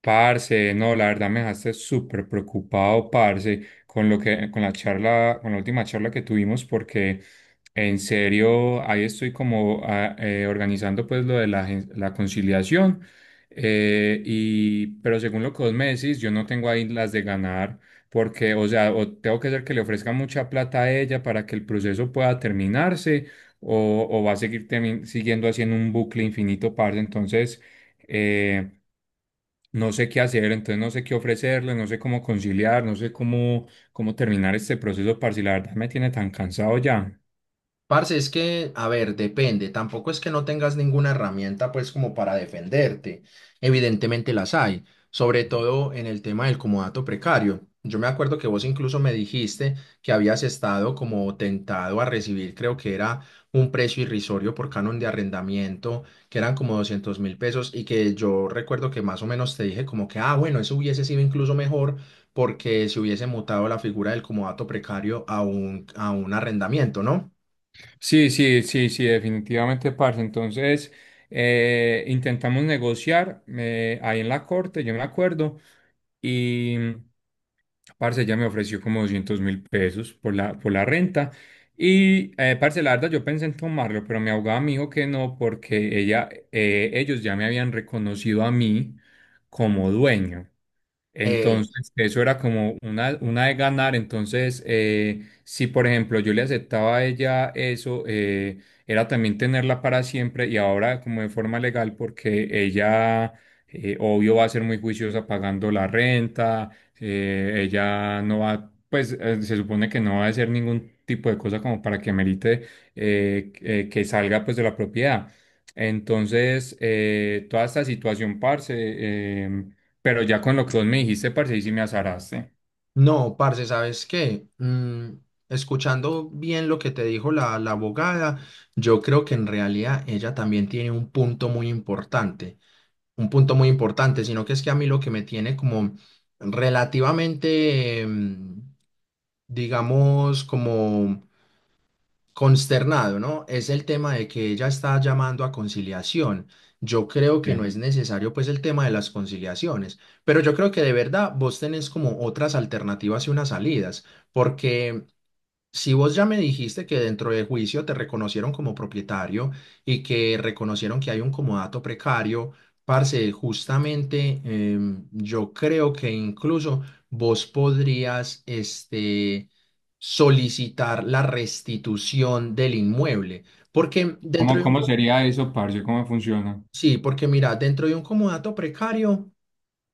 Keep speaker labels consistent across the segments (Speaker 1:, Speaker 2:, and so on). Speaker 1: Parce, no, la verdad me dejaste súper preocupado, parce, con con la charla, con la última charla que tuvimos, porque en serio, ahí estoy como organizando pues lo de la conciliación, pero según lo que vos me decís, yo no tengo ahí las de ganar, porque, o sea, o tengo que hacer que le ofrezca mucha plata a ella para que el proceso pueda terminarse, o va a seguir siguiendo haciendo un bucle infinito, parce, entonces... Eh, no sé qué hacer, entonces no sé qué ofrecerle, no sé cómo conciliar, no sé cómo, cómo terminar este proceso, parce, la verdad me tiene tan cansado ya.
Speaker 2: Parce, es que, a ver, depende. Tampoco es que no tengas ninguna herramienta, pues, como para defenderte. Evidentemente las hay, sobre todo en el tema del comodato precario. Yo me acuerdo que vos incluso me dijiste que habías estado como tentado a recibir, creo que era un precio irrisorio por canon de arrendamiento, que eran como $200.000, y que yo recuerdo que más o menos te dije como que, ah, bueno, eso hubiese sido incluso mejor porque se hubiese mutado la figura del comodato precario a a un arrendamiento, ¿no?
Speaker 1: Sí, sí, sí, sí, definitivamente, parce, entonces intentamos negociar ahí en la corte, yo me acuerdo, y parce, ella me ofreció como 200.000 pesos por por la renta. Parce, la verdad, yo pensé en tomarlo, pero mi abogada me dijo que no, porque ellos ya me habían reconocido a mí como dueño.
Speaker 2: Eh,
Speaker 1: Entonces, eso era como una de ganar. Entonces, si por ejemplo yo le aceptaba a ella eso, era también tenerla para siempre y ahora como de forma legal, porque ella, obvio, va a ser muy juiciosa pagando la renta, ella no va, pues se supone que no va a hacer ningún tipo de cosa como para que merite que salga pues de la propiedad. Entonces, toda esta situación, parce, pero ya con lo que vos me dijiste, parce, y sí me azaraste.
Speaker 2: no, parce, ¿sabes qué? Escuchando bien lo que te dijo la abogada, yo creo que en realidad ella también tiene un punto muy importante, un punto muy importante, sino que es que a mí lo que me tiene como relativamente, digamos, como consternado, ¿no? Es el tema de que ella está llamando a conciliación. Yo creo que no
Speaker 1: Sí.
Speaker 2: es necesario pues el tema de las conciliaciones, pero yo creo que de verdad vos tenés como otras alternativas y unas salidas, porque si vos ya me dijiste que dentro de juicio te reconocieron como propietario y que reconocieron que hay un comodato precario, parce, justamente yo creo que incluso vos podrías solicitar la restitución del inmueble, porque dentro
Speaker 1: ¿Cómo,
Speaker 2: de
Speaker 1: cómo sería eso, parce? ¿Cómo funciona?
Speaker 2: sí, porque mira, dentro de un comodato precario.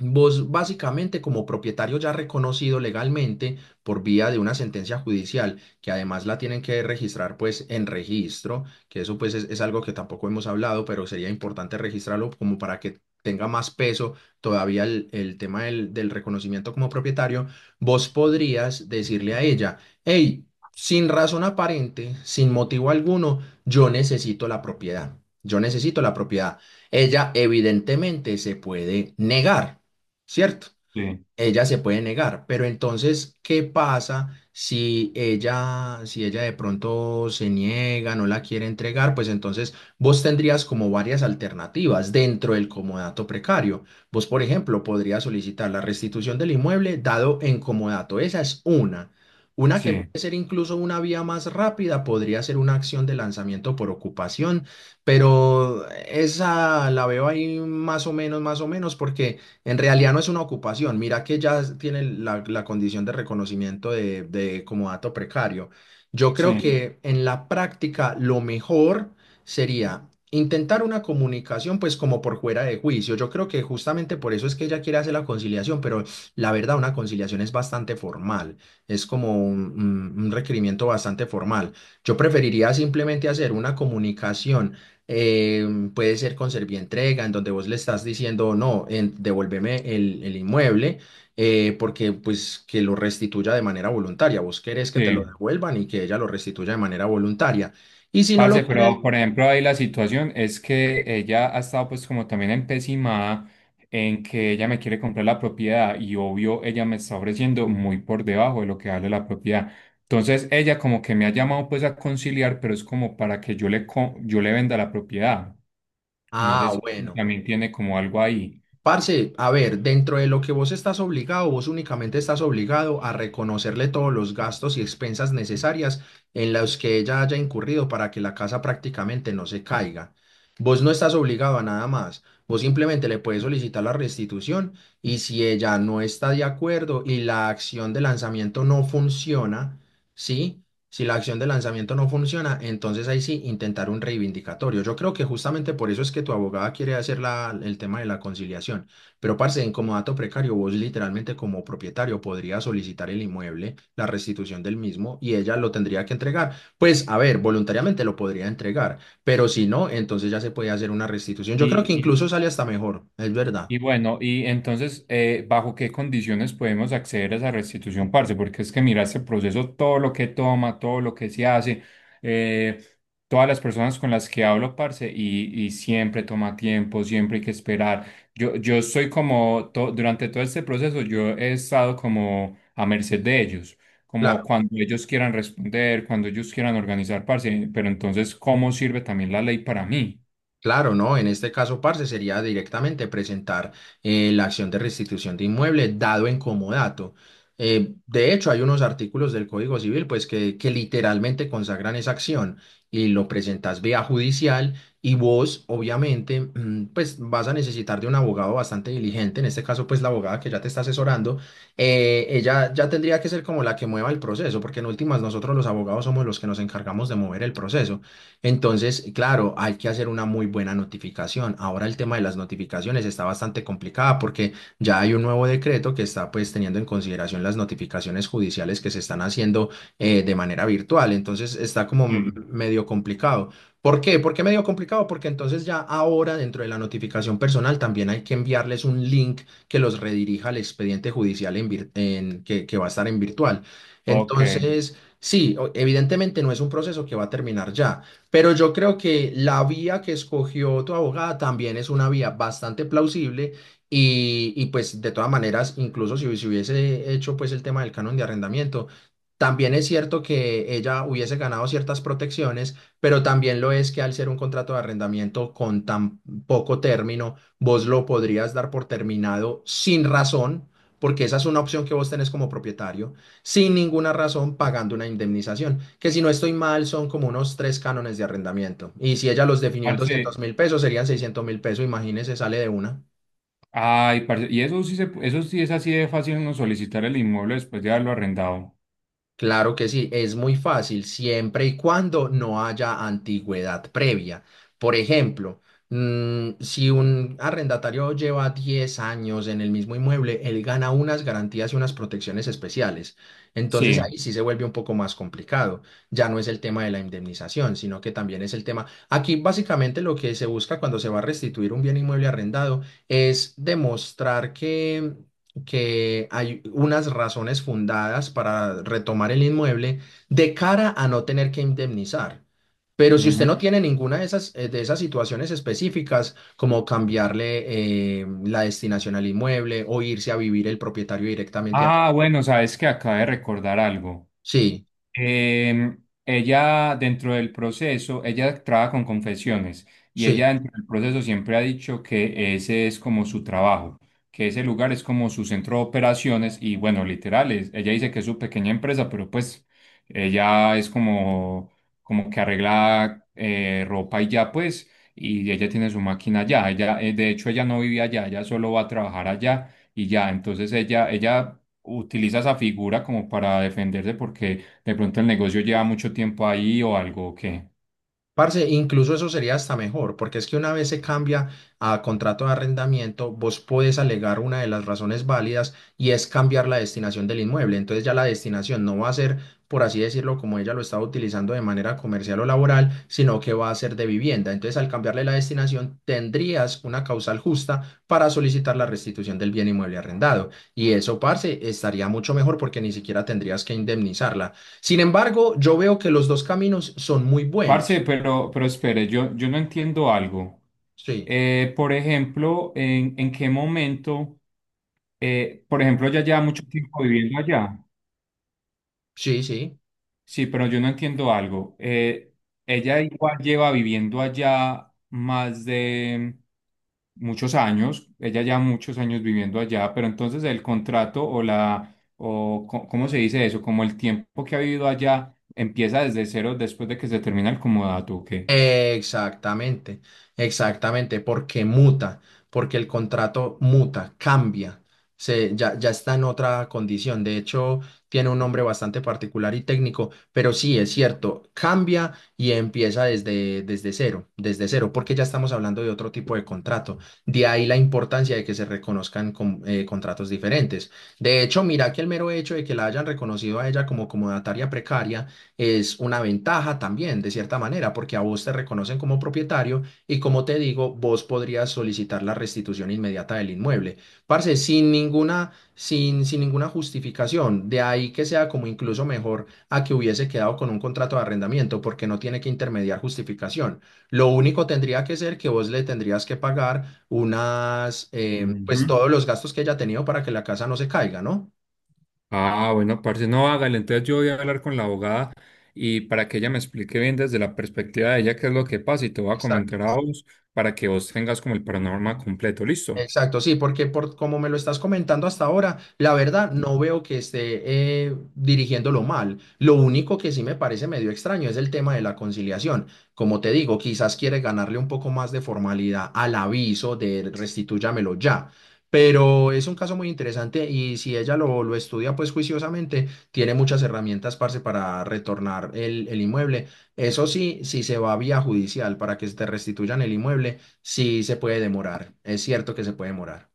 Speaker 2: Vos básicamente como propietario ya reconocido legalmente por vía de una sentencia judicial, que además la tienen que registrar pues en registro, que eso pues es algo que tampoco hemos hablado, pero sería importante registrarlo como para que tenga más peso todavía el tema del reconocimiento como propietario. Vos podrías decirle a ella, hey, sin razón aparente, sin motivo alguno, yo necesito la propiedad, yo necesito la propiedad. Ella evidentemente se puede negar, ¿cierto?
Speaker 1: Sí,
Speaker 2: Ella se puede negar, pero entonces, ¿qué pasa si ella de pronto se niega, no la quiere entregar? Pues entonces vos tendrías como varias alternativas dentro del comodato precario. Vos, por ejemplo, podrías solicitar la restitución del inmueble dado en comodato. Esa es una. Una que
Speaker 1: sí,
Speaker 2: puede ser incluso una vía más rápida, podría ser una acción de lanzamiento por ocupación, pero esa la veo ahí más o menos, porque en realidad no es una ocupación, mira que ya tiene la condición de reconocimiento de como dato precario. Yo creo
Speaker 1: sí,
Speaker 2: que en la práctica lo mejor sería intentar una comunicación pues como por fuera de juicio. Yo creo que justamente por eso es que ella quiere hacer la conciliación, pero la verdad una conciliación es bastante formal, es como un requerimiento bastante formal. Yo preferiría simplemente hacer una comunicación, eh, puede ser con entrega, en donde vos le estás diciendo, no, devuélveme el inmueble, porque pues que lo restituya de manera voluntaria. Vos querés que te lo
Speaker 1: sí.
Speaker 2: devuelvan y que ella lo restituya de manera voluntaria. Y si no lo
Speaker 1: Parce, pero
Speaker 2: quieres,
Speaker 1: por ejemplo, ahí la situación es que ella ha estado pues como también empecinada en que ella me quiere comprar la propiedad y obvio ella me está ofreciendo muy por debajo de lo que vale la propiedad. Entonces ella como que me ha llamado pues a conciliar, pero es como para que yo yo le venda la propiedad. No sé
Speaker 2: ah,
Speaker 1: si
Speaker 2: bueno.
Speaker 1: también tiene como algo ahí.
Speaker 2: Parce, a ver, dentro de lo que vos estás obligado, vos únicamente estás obligado a reconocerle todos los gastos y expensas necesarias en los que ella haya incurrido para que la casa prácticamente no se caiga. Vos no estás obligado a nada más. Vos simplemente le puedes solicitar la restitución, y si ella no está de acuerdo y la acción de lanzamiento no funciona, ¿sí? Si la acción de lanzamiento no funciona, entonces ahí sí intentar un reivindicatorio. Yo creo que justamente por eso es que tu abogada quiere hacer el tema de la conciliación. Pero, parce, en como dato precario, vos literalmente como propietario podrías solicitar el inmueble, la restitución del mismo, y ella lo tendría que entregar. Pues, a ver, voluntariamente lo podría entregar, pero si no, entonces ya se puede hacer una restitución. Yo creo que
Speaker 1: Y,
Speaker 2: incluso sale hasta mejor, es verdad.
Speaker 1: Y bueno, y entonces, ¿bajo qué condiciones podemos acceder a esa restitución, parce? Porque es que mira este proceso, todo lo que toma, todo lo que se hace, eh, todas las personas con las que hablo, parce, y siempre toma tiempo, siempre hay que esperar. Yo soy como, to- durante todo este proceso, yo he estado como a merced de ellos, como
Speaker 2: Claro.
Speaker 1: cuando ellos quieran responder, cuando ellos quieran organizar, parce, pero entonces, ¿cómo sirve también la ley para mí?
Speaker 2: Claro, ¿no? En este caso, parce, sería directamente presentar, la acción de restitución de inmueble dado en comodato. De hecho, hay unos artículos del Código Civil, pues, que literalmente consagran esa acción, y lo presentas vía judicial, y vos, obviamente, pues, vas a necesitar de un abogado bastante diligente. En este caso, pues, la abogada que ya te está asesorando, ella ya tendría que ser como la que mueva el proceso, porque en últimas nosotros los abogados somos los que nos encargamos de mover el proceso. Entonces, claro, hay que hacer una muy buena notificación. Ahora el tema de las notificaciones está bastante complicada porque ya hay un nuevo decreto que está pues teniendo en consideración las notificaciones judiciales que se están haciendo, de manera virtual. Entonces está como m-
Speaker 1: Sí.
Speaker 2: medio complicado. ¿Por qué? ¿Por qué medio complicado? Porque entonces ya ahora dentro de la notificación personal también hay que enviarles un link que los redirija al expediente judicial, en vir- en- que va a estar en virtual.
Speaker 1: Ok.
Speaker 2: Entonces, sí, evidentemente no es un proceso que va a terminar ya, pero yo creo que la vía que escogió tu abogada también es una vía bastante plausible, y pues de todas maneras, incluso si hubiese hecho pues el tema del canon de arrendamiento, también es cierto que ella hubiese ganado ciertas protecciones, pero también lo es que al ser un contrato de arrendamiento con tan poco término, vos lo podrías dar por terminado sin razón, porque esa es una opción que vos tenés como propietario, sin ninguna razón, pagando una indemnización, que si no estoy mal son como unos tres cánones de arrendamiento. Y si ella los definió en
Speaker 1: Parce,
Speaker 2: $200.000, serían $600.000, imagínese, sale de una.
Speaker 1: ay, parce, y eso eso sí es así de fácil uno solicitar el inmueble después de haberlo arrendado.
Speaker 2: Claro que sí, es muy fácil siempre y cuando no haya antigüedad previa. Por ejemplo, si un arrendatario lleva 10 años en el mismo inmueble, él gana unas garantías y unas protecciones especiales. Entonces ahí
Speaker 1: Sí.
Speaker 2: sí se vuelve un poco más complicado. Ya no es el tema de la indemnización, sino que también es el tema. Aquí básicamente lo que se busca cuando se va a restituir un bien inmueble arrendado es demostrar que hay unas razones fundadas para retomar el inmueble, de cara a no tener que indemnizar. Pero si usted
Speaker 1: Ujú.
Speaker 2: no tiene ninguna de esas situaciones específicas, como cambiarle, la destinación al inmueble, o irse a vivir el propietario directamente allá.
Speaker 1: Ah, bueno, sabes que acabé de recordar algo.
Speaker 2: Sí,
Speaker 1: Ella, dentro del proceso, ella trabaja con confesiones y
Speaker 2: sí.
Speaker 1: ella dentro del proceso siempre ha dicho que ese es como su trabajo, que ese lugar es como su centro de operaciones y bueno, literal, es- ella dice que es su pequeña empresa, pero pues ella es como, como que arregla ropa y ya pues, y ella tiene su máquina allá, ella, de hecho ella no vive allá, ella solo va a trabajar allá y ya, entonces ella utiliza esa figura como para defenderse porque de pronto el negocio lleva mucho tiempo ahí o algo, ¿o qué?
Speaker 2: Parce, incluso eso sería hasta mejor, porque es que una vez se cambia a contrato de arrendamiento, vos podés alegar una de las razones válidas y es cambiar la destinación del inmueble. Entonces ya la destinación no va a ser, por así decirlo, como ella lo estaba utilizando de manera comercial o laboral, sino que va a ser de vivienda. Entonces al cambiarle la destinación, tendrías una causal justa para solicitar la restitución del bien inmueble arrendado. Y eso, parce, estaría mucho mejor porque ni siquiera tendrías que indemnizarla. Sin embargo, yo veo que los dos caminos son muy
Speaker 1: Parce,
Speaker 2: buenos.
Speaker 1: pero espere, yo no entiendo algo.
Speaker 2: Sí,
Speaker 1: Por ejemplo, en qué momento, por ejemplo, ya lleva mucho tiempo viviendo allá?
Speaker 2: sí, sí.
Speaker 1: Sí, pero yo no entiendo algo. Ella igual lleva viviendo allá más de muchos años. Ella ya muchos años viviendo allá, pero entonces el contrato o ¿cómo se dice eso? Como el tiempo que ha vivido allá empieza desde cero después de que se termina el comodato, ¿o qué?
Speaker 2: Exactamente, exactamente, porque muta, porque el contrato muta, cambia, ya está en otra condición. De hecho, tiene un nombre bastante particular y técnico, pero sí, es cierto, cambia y empieza desde cero, desde cero, porque ya estamos hablando de otro tipo de contrato. De ahí la importancia de que se reconozcan contratos diferentes. De hecho, mira que el mero hecho de que la hayan reconocido a ella como comodataria precaria es una ventaja también, de cierta manera, porque a vos te reconocen como propietario, y como te digo, vos podrías solicitar la restitución inmediata del inmueble. Parce, sin ninguna justificación, de ahí que sea como incluso mejor a que hubiese quedado con un contrato de arrendamiento, porque no tiene que intermediar justificación. Lo único tendría que ser que vos le tendrías que pagar
Speaker 1: Ujú.
Speaker 2: pues todos los gastos que haya tenido para que la casa no se caiga, ¿no?
Speaker 1: Ah, bueno, parce, no, hágale. Entonces yo voy a hablar con la abogada y para que ella me explique bien desde la perspectiva de ella qué es lo que pasa y te voy a
Speaker 2: Exacto.
Speaker 1: comentar a vos para que vos tengas como el panorama completo, ¿listo?
Speaker 2: Exacto, sí, porque por como me lo estás comentando hasta ahora, la verdad no veo que esté, dirigiéndolo mal. Lo único que sí me parece medio extraño es el tema de la conciliación. Como te digo, quizás quiere ganarle un poco más de formalidad al aviso de restitúyamelo ya. Pero es un caso muy interesante, y si ella lo estudia pues juiciosamente, tiene muchas herramientas, parce, para retornar el inmueble. Eso sí, si se va a vía judicial para que se te restituyan el inmueble. Sí, se puede demorar. Es cierto que se puede demorar.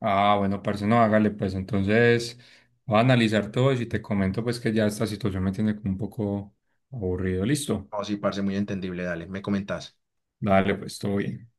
Speaker 1: Ah, bueno, parce, no, hágale, pues entonces voy a analizar todo y si te comento pues que ya esta situación me tiene como un poco aburrido, ¿listo?
Speaker 2: No, sí, parce, muy entendible. Dale, me comentás.
Speaker 1: Dale, pues todo bien.